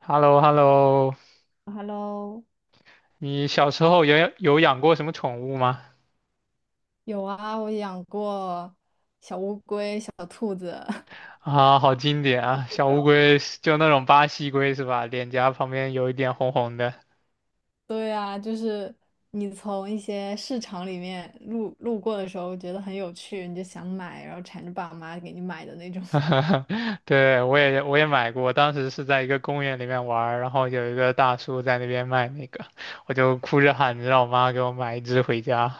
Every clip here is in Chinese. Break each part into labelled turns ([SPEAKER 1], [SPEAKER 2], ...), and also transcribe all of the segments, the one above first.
[SPEAKER 1] h e l l o h e l l o
[SPEAKER 2] Hello，
[SPEAKER 1] 你小时候有养过什么宠物吗？
[SPEAKER 2] 有啊，我养过小乌龟、小兔子。
[SPEAKER 1] 啊，好经典啊，小乌龟是就那种巴西龟是吧？脸颊旁边有一点红红的。
[SPEAKER 2] 对啊，就是你从一些市场里面路过的时候，觉得很有趣，你就想买，然后缠着爸妈给你买的那种。
[SPEAKER 1] 对，我也买过，当时是在一个公园里面玩儿，然后有一个大叔在那边卖那个，我就哭着喊着让我妈给我买一只回家。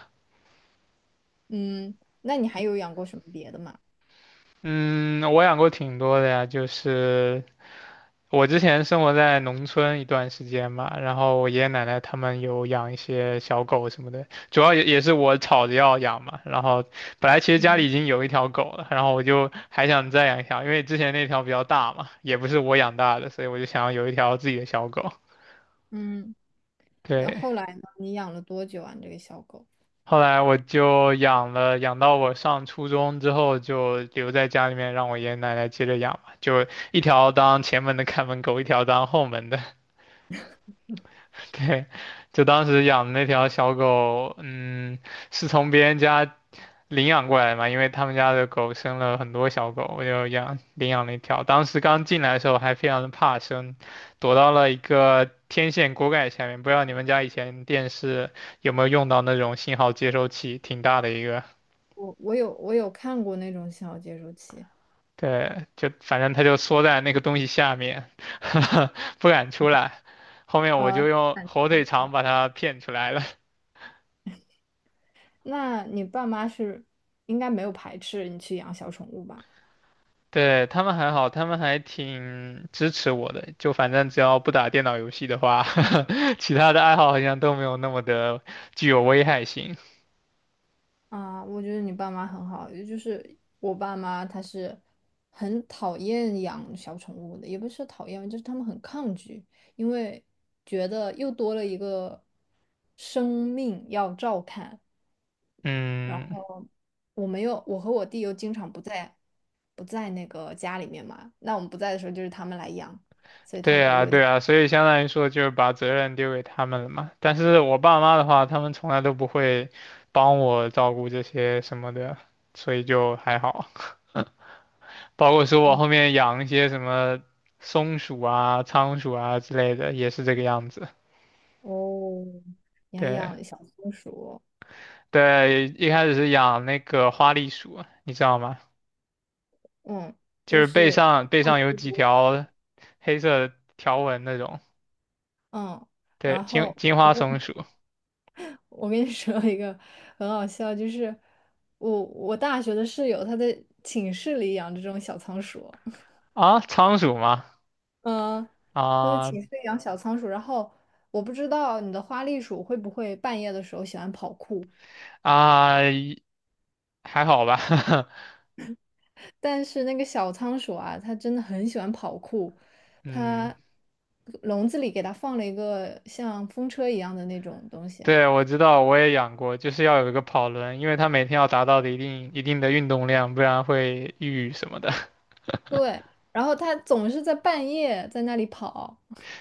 [SPEAKER 2] 嗯，那你还有养过什么别的吗？
[SPEAKER 1] 嗯，我养过挺多的呀，就是我之前生活在农村一段时间嘛，然后我爷爷奶奶他们有养一些小狗什么的，主要也是我吵着要养嘛。然后本来其实家
[SPEAKER 2] 嗯
[SPEAKER 1] 里已经有一条狗了，然后我就还想再养一条，因为之前那条比较大嘛，也不是我养大的，所以我就想要有一条自己的小狗。
[SPEAKER 2] 嗯，那
[SPEAKER 1] 对，
[SPEAKER 2] 后来呢？你养了多久啊？你这个小狗？
[SPEAKER 1] 后来我就养了，养到我上初中之后就留在家里面，让我爷爷奶奶接着养嘛，就一条当前门的看门狗，一条当后门的。对，就当时养的那条小狗，嗯，是从别人家领养过来嘛，因为他们家的狗生了很多小狗，我就养领养了一条。当时刚进来的时候还非常的怕生，躲到了一个天线锅盖下面。不知道你们家以前电视有没有用到那种信号接收器，挺大的一个。
[SPEAKER 2] 我有看过那种小接收器，
[SPEAKER 1] 对，就反正它就缩在那个东西下面，不敢出来。后面我就
[SPEAKER 2] 呃，
[SPEAKER 1] 用
[SPEAKER 2] 感觉
[SPEAKER 1] 火腿
[SPEAKER 2] 挺
[SPEAKER 1] 肠
[SPEAKER 2] 小，
[SPEAKER 1] 把它骗出来了。
[SPEAKER 2] 那你爸妈是应该没有排斥你去养小宠物吧？
[SPEAKER 1] 对，他们还好，他们还挺支持我的。就反正只要不打电脑游戏的话，其他的爱好好像都没有那么的具有危害性。
[SPEAKER 2] 啊，我觉得你爸妈很好，也就是我爸妈他是很讨厌养小宠物的，也不是讨厌，就是他们很抗拒，因为觉得又多了一个生命要照看。
[SPEAKER 1] 嗯，
[SPEAKER 2] 我没有，我和我弟又经常不在，不在那个家里面嘛，那我们不在的时候就是他们来养，所以他
[SPEAKER 1] 对
[SPEAKER 2] 就
[SPEAKER 1] 啊，
[SPEAKER 2] 有点，
[SPEAKER 1] 对啊，所以相当于说就是把责任丢给他们了嘛。但是我爸妈的话，他们从来都不会帮我照顾这些什么的，所以就还好。包括说我
[SPEAKER 2] 哦
[SPEAKER 1] 后面养一些什么松鼠啊、仓鼠啊之类的，也是这个样子。
[SPEAKER 2] 哦，你还
[SPEAKER 1] 对。
[SPEAKER 2] 养小松鼠，
[SPEAKER 1] 对，一开始是养那个花栗鼠，你知道吗？
[SPEAKER 2] 嗯，
[SPEAKER 1] 就
[SPEAKER 2] 就
[SPEAKER 1] 是背
[SPEAKER 2] 是
[SPEAKER 1] 上背上有几条黑色条纹那种。
[SPEAKER 2] 嗯，
[SPEAKER 1] 对，
[SPEAKER 2] 然
[SPEAKER 1] 金
[SPEAKER 2] 后。
[SPEAKER 1] 金花松鼠
[SPEAKER 2] 我跟你 说一个很好笑，就是我大学的室友，她在寝室里养这种小仓鼠，
[SPEAKER 1] 啊，仓鼠吗？
[SPEAKER 2] 嗯，她在
[SPEAKER 1] 啊
[SPEAKER 2] 寝室里养小仓鼠，然后我不知道你的花栗鼠会不会半夜的时候喜欢跑酷，
[SPEAKER 1] 啊，还好吧。
[SPEAKER 2] 但是那个小仓鼠啊，它真的很喜欢跑酷，
[SPEAKER 1] 嗯，
[SPEAKER 2] 它笼子里给它放了一个像风车一样的那种东西啊，
[SPEAKER 1] 对，我知道，我也养过，就是要有一个跑轮，因为它每天要达到的一定的运动量，不然会抑郁什么的。
[SPEAKER 2] 对，然后它总是在半夜在那里跑。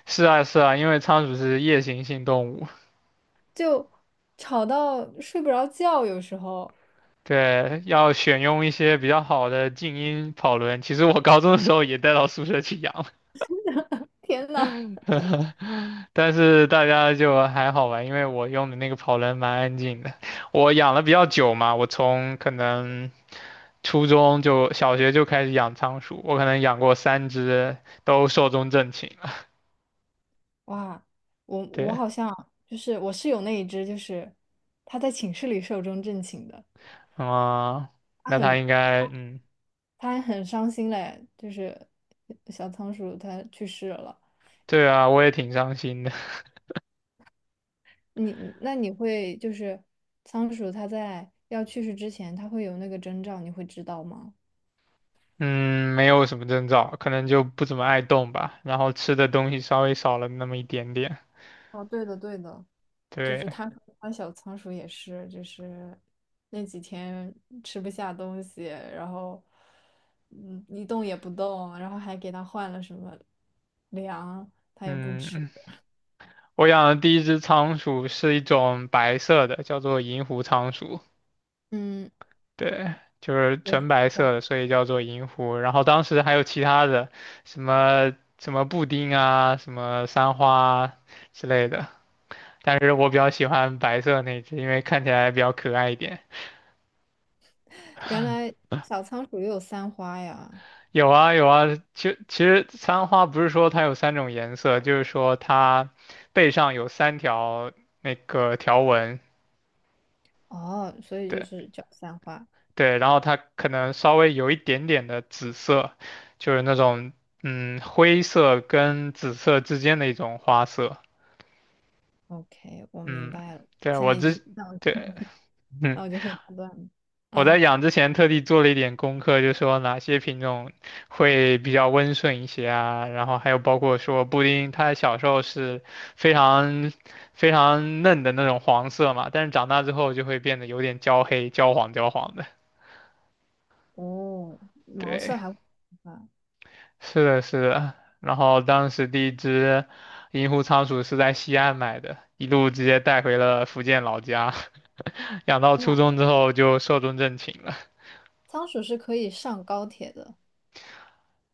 [SPEAKER 1] 是啊，是啊，因为仓鼠是夜行性动物。
[SPEAKER 2] 就吵到睡不着觉，有时候，
[SPEAKER 1] 对，要选用一些比较好的静音跑轮。其实我高中的时候也带到宿舍去养，
[SPEAKER 2] 天呐，
[SPEAKER 1] 但是大家就还好吧，因为我用的那个跑轮蛮安静的。我养了比较久嘛，我从可能初中就小学就开始养仓鼠，我可能养过三只，都寿终正寝了。
[SPEAKER 2] 哇，我
[SPEAKER 1] 对，
[SPEAKER 2] 好像就是我室友那一只，就是他在寝室里寿终正寝的，
[SPEAKER 1] 啊，
[SPEAKER 2] 他
[SPEAKER 1] 那它
[SPEAKER 2] 很
[SPEAKER 1] 应该，嗯，
[SPEAKER 2] 他还很伤心嘞，就是小仓鼠它去世了。
[SPEAKER 1] 对啊，我也挺伤心的。
[SPEAKER 2] 你会就是仓鼠它在要去世之前，它会有那个征兆，你会知道吗？
[SPEAKER 1] 嗯，没有什么征兆，可能就不怎么爱动吧，然后吃的东西稍微少了那么一点点。
[SPEAKER 2] 哦，对的，对的，就
[SPEAKER 1] 对，
[SPEAKER 2] 是他说他小仓鼠也是，就是那几天吃不下东西，然后一动也不动，然后还给他换了什么粮，他也不吃。
[SPEAKER 1] 嗯，我养的第一只仓鼠是一种白色的，叫做银狐仓鼠，
[SPEAKER 2] 嗯，
[SPEAKER 1] 对，就是
[SPEAKER 2] 有时
[SPEAKER 1] 纯白色
[SPEAKER 2] 候
[SPEAKER 1] 的，所以叫做银狐。然后当时还有其他的，什么什么布丁啊，什么三花啊之类的，但是我比较喜欢白色那只，因为看起来比较可爱一点。
[SPEAKER 2] 原来小仓鼠也有三花呀，
[SPEAKER 1] 有啊有啊，其实三花不是说它有三种颜色，就是说它背上有三条那个条纹，
[SPEAKER 2] 哦，所以就
[SPEAKER 1] 对
[SPEAKER 2] 是叫三花。
[SPEAKER 1] 对，然后它可能稍微有一点点的紫色，就是那种嗯灰色跟紫色之间的一种花色，
[SPEAKER 2] OK，我明
[SPEAKER 1] 嗯，
[SPEAKER 2] 白了，
[SPEAKER 1] 对
[SPEAKER 2] 现
[SPEAKER 1] 我
[SPEAKER 2] 在已
[SPEAKER 1] 之
[SPEAKER 2] 经
[SPEAKER 1] 对，嗯。
[SPEAKER 2] 那我就会判断了
[SPEAKER 1] 我在
[SPEAKER 2] 啊，
[SPEAKER 1] 养之前特地做了一点功课，就说哪些品种会比较温顺一些啊，然后还有包括说布丁，它小时候是非常非常嫩的那种黄色嘛，但是长大之后就会变得有点焦黑、焦黄、焦黄的。
[SPEAKER 2] 哦，毛色
[SPEAKER 1] 对，
[SPEAKER 2] 还会啊。
[SPEAKER 1] 是的，是的。然后当时第一只银狐仓鼠是在西安买的，一路直接带回了福建老家，养到初中之后就寿终正寝了。
[SPEAKER 2] 仓鼠是可以上高铁的。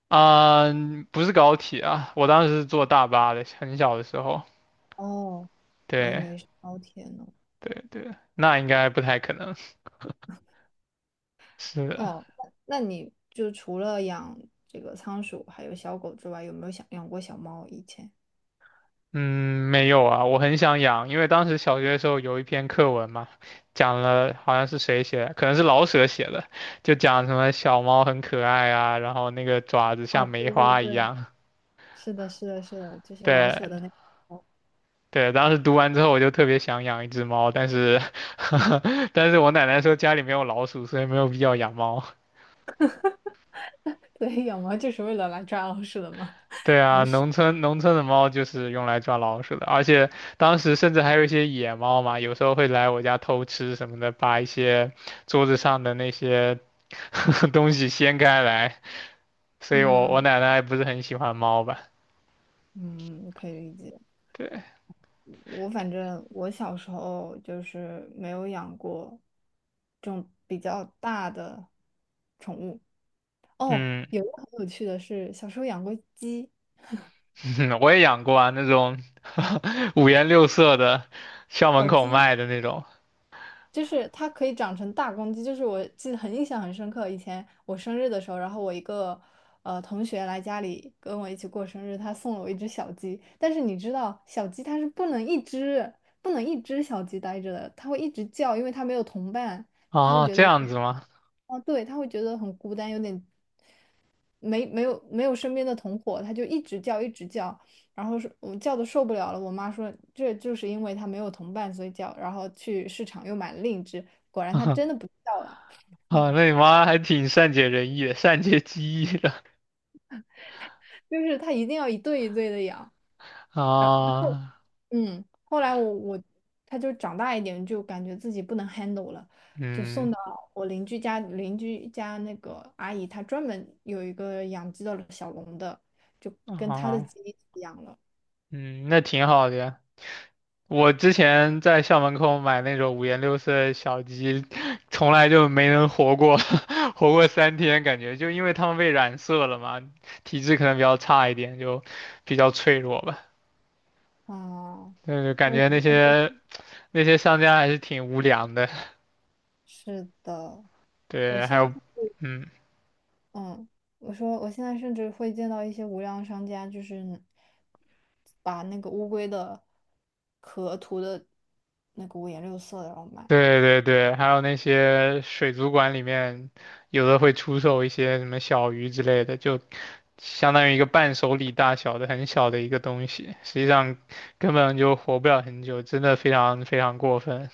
[SPEAKER 1] 啊、不是高铁啊，我当时是坐大巴的，很小的时候。
[SPEAKER 2] 哦，我以
[SPEAKER 1] 对
[SPEAKER 2] 为是高铁呢。
[SPEAKER 1] 对对，那应该不太可能。是的
[SPEAKER 2] 哦，那你就除了养这个仓鼠还有小狗之外，有没有想养过小猫？以前？
[SPEAKER 1] 嗯，没有啊，我很想养，因为当时小学的时候有一篇课文嘛，讲了好像是谁写的，可能是老舍写的，就讲什么小猫很可爱啊，然后那个爪子
[SPEAKER 2] 哦，
[SPEAKER 1] 像梅
[SPEAKER 2] 对对
[SPEAKER 1] 花一
[SPEAKER 2] 对，
[SPEAKER 1] 样。
[SPEAKER 2] 是的，是的，是的，就是老
[SPEAKER 1] 对
[SPEAKER 2] 舍的那个猫。
[SPEAKER 1] 对，当时读完之后我就特别想养一只猫，但是 但是我奶奶说家里没有老鼠，所以没有必要养猫。
[SPEAKER 2] 对，养猫就是为了来抓老鼠的嘛。
[SPEAKER 1] 对啊，农村的猫就是用来抓老鼠的，而且当时甚至还有一些野猫嘛，有时候会来我家偷吃什么的，把一些桌子上的那些 东西掀开来，所以我
[SPEAKER 2] 嗯
[SPEAKER 1] 奶奶不是很喜欢猫吧？
[SPEAKER 2] 嗯，可以理解。
[SPEAKER 1] 对，
[SPEAKER 2] 我反正我小时候就是没有养过这种比较大的宠物，哦，
[SPEAKER 1] 嗯，
[SPEAKER 2] 有一个很有趣的是，小时候养过鸡，
[SPEAKER 1] 我也养过啊，那种 五颜六色的，校门
[SPEAKER 2] 小
[SPEAKER 1] 口
[SPEAKER 2] 鸡
[SPEAKER 1] 卖的那种。
[SPEAKER 2] 就是它可以长成大公鸡，就是我记得很印象很深刻。以前我生日的时候，然后我一个同学来家里跟我一起过生日，他送了我一只小鸡。但是你知道，小鸡它是不能一只小鸡待着的，它会一直叫，因为它没有同伴，它会
[SPEAKER 1] 哦，
[SPEAKER 2] 觉得
[SPEAKER 1] 这
[SPEAKER 2] 有
[SPEAKER 1] 样子
[SPEAKER 2] 点，
[SPEAKER 1] 吗？
[SPEAKER 2] 哦，对，它会觉得很孤单，有点没有身边的同伙，他就一直叫一直叫，然后是我叫的受不了了，我妈说这就是因为他没有同伴所以叫，然后去市场又买了另一只，果然它真的不叫了，
[SPEAKER 1] 啊，那你妈还挺善解人意的，善解机意的
[SPEAKER 2] 就是它一定要一对一对的养，然
[SPEAKER 1] 啊，
[SPEAKER 2] 后来我它就长大一点，就感觉自己不能 handle 了，就
[SPEAKER 1] 嗯，
[SPEAKER 2] 送到我邻居家，邻居家那个阿姨她专门有一个养鸡的小笼的，就跟她的
[SPEAKER 1] 啊。
[SPEAKER 2] 鸡一起养了，
[SPEAKER 1] 嗯，那挺好的呀。我之前在校门口买那种五颜六色的小鸡，从来就没能活过，活过3天，感觉就因为它们被染色了嘛，体质可能比较差一点，就比较脆弱吧。
[SPEAKER 2] 哦。
[SPEAKER 1] 但是感觉那些商家还是挺无良的。
[SPEAKER 2] 是的，我
[SPEAKER 1] 对，还
[SPEAKER 2] 现
[SPEAKER 1] 有，
[SPEAKER 2] 在，
[SPEAKER 1] 嗯，
[SPEAKER 2] 嗯，我说我现在甚至会见到一些无良商家，就是把那个乌龟的壳涂的那个五颜六色的，然后卖。
[SPEAKER 1] 对对对，还有那些水族馆里面，有的会出售一些什么小鱼之类的，就相当于一个伴手礼大小的很小的一个东西，实际上根本就活不了很久，真的非常非常过分。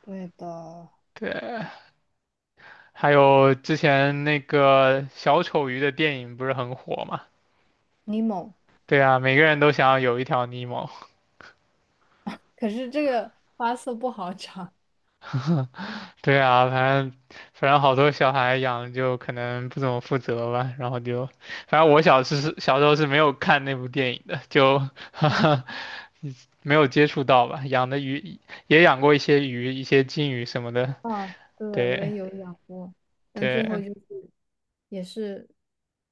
[SPEAKER 2] 对的，
[SPEAKER 1] 对，还有之前那个小丑鱼的电影不是很火嘛？
[SPEAKER 2] 尼莫，
[SPEAKER 1] 对啊，每个人都想要有一条尼莫。
[SPEAKER 2] 可是这个花色不好长。
[SPEAKER 1] 对啊，反正好多小孩养就可能不怎么负责吧，然后就，反正我小时候是没有看那部电影的，就 没有接触到吧。养的鱼也养过一些鱼，一些金鱼什么的，
[SPEAKER 2] 啊，对，我
[SPEAKER 1] 对
[SPEAKER 2] 也有养过，但最后就
[SPEAKER 1] 对，
[SPEAKER 2] 是也是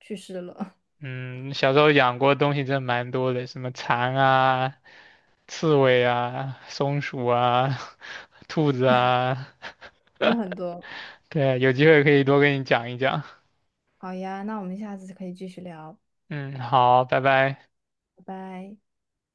[SPEAKER 2] 去世了，
[SPEAKER 1] 嗯，小时候养过东西真的蛮多的，什么蚕啊、刺猬啊、松鼠啊、兔子啊，
[SPEAKER 2] 真的很多。
[SPEAKER 1] 对，有机会可以多跟你讲一讲。
[SPEAKER 2] 好呀，那我们下次可以继续聊，
[SPEAKER 1] 嗯，好，拜拜。
[SPEAKER 2] 拜拜。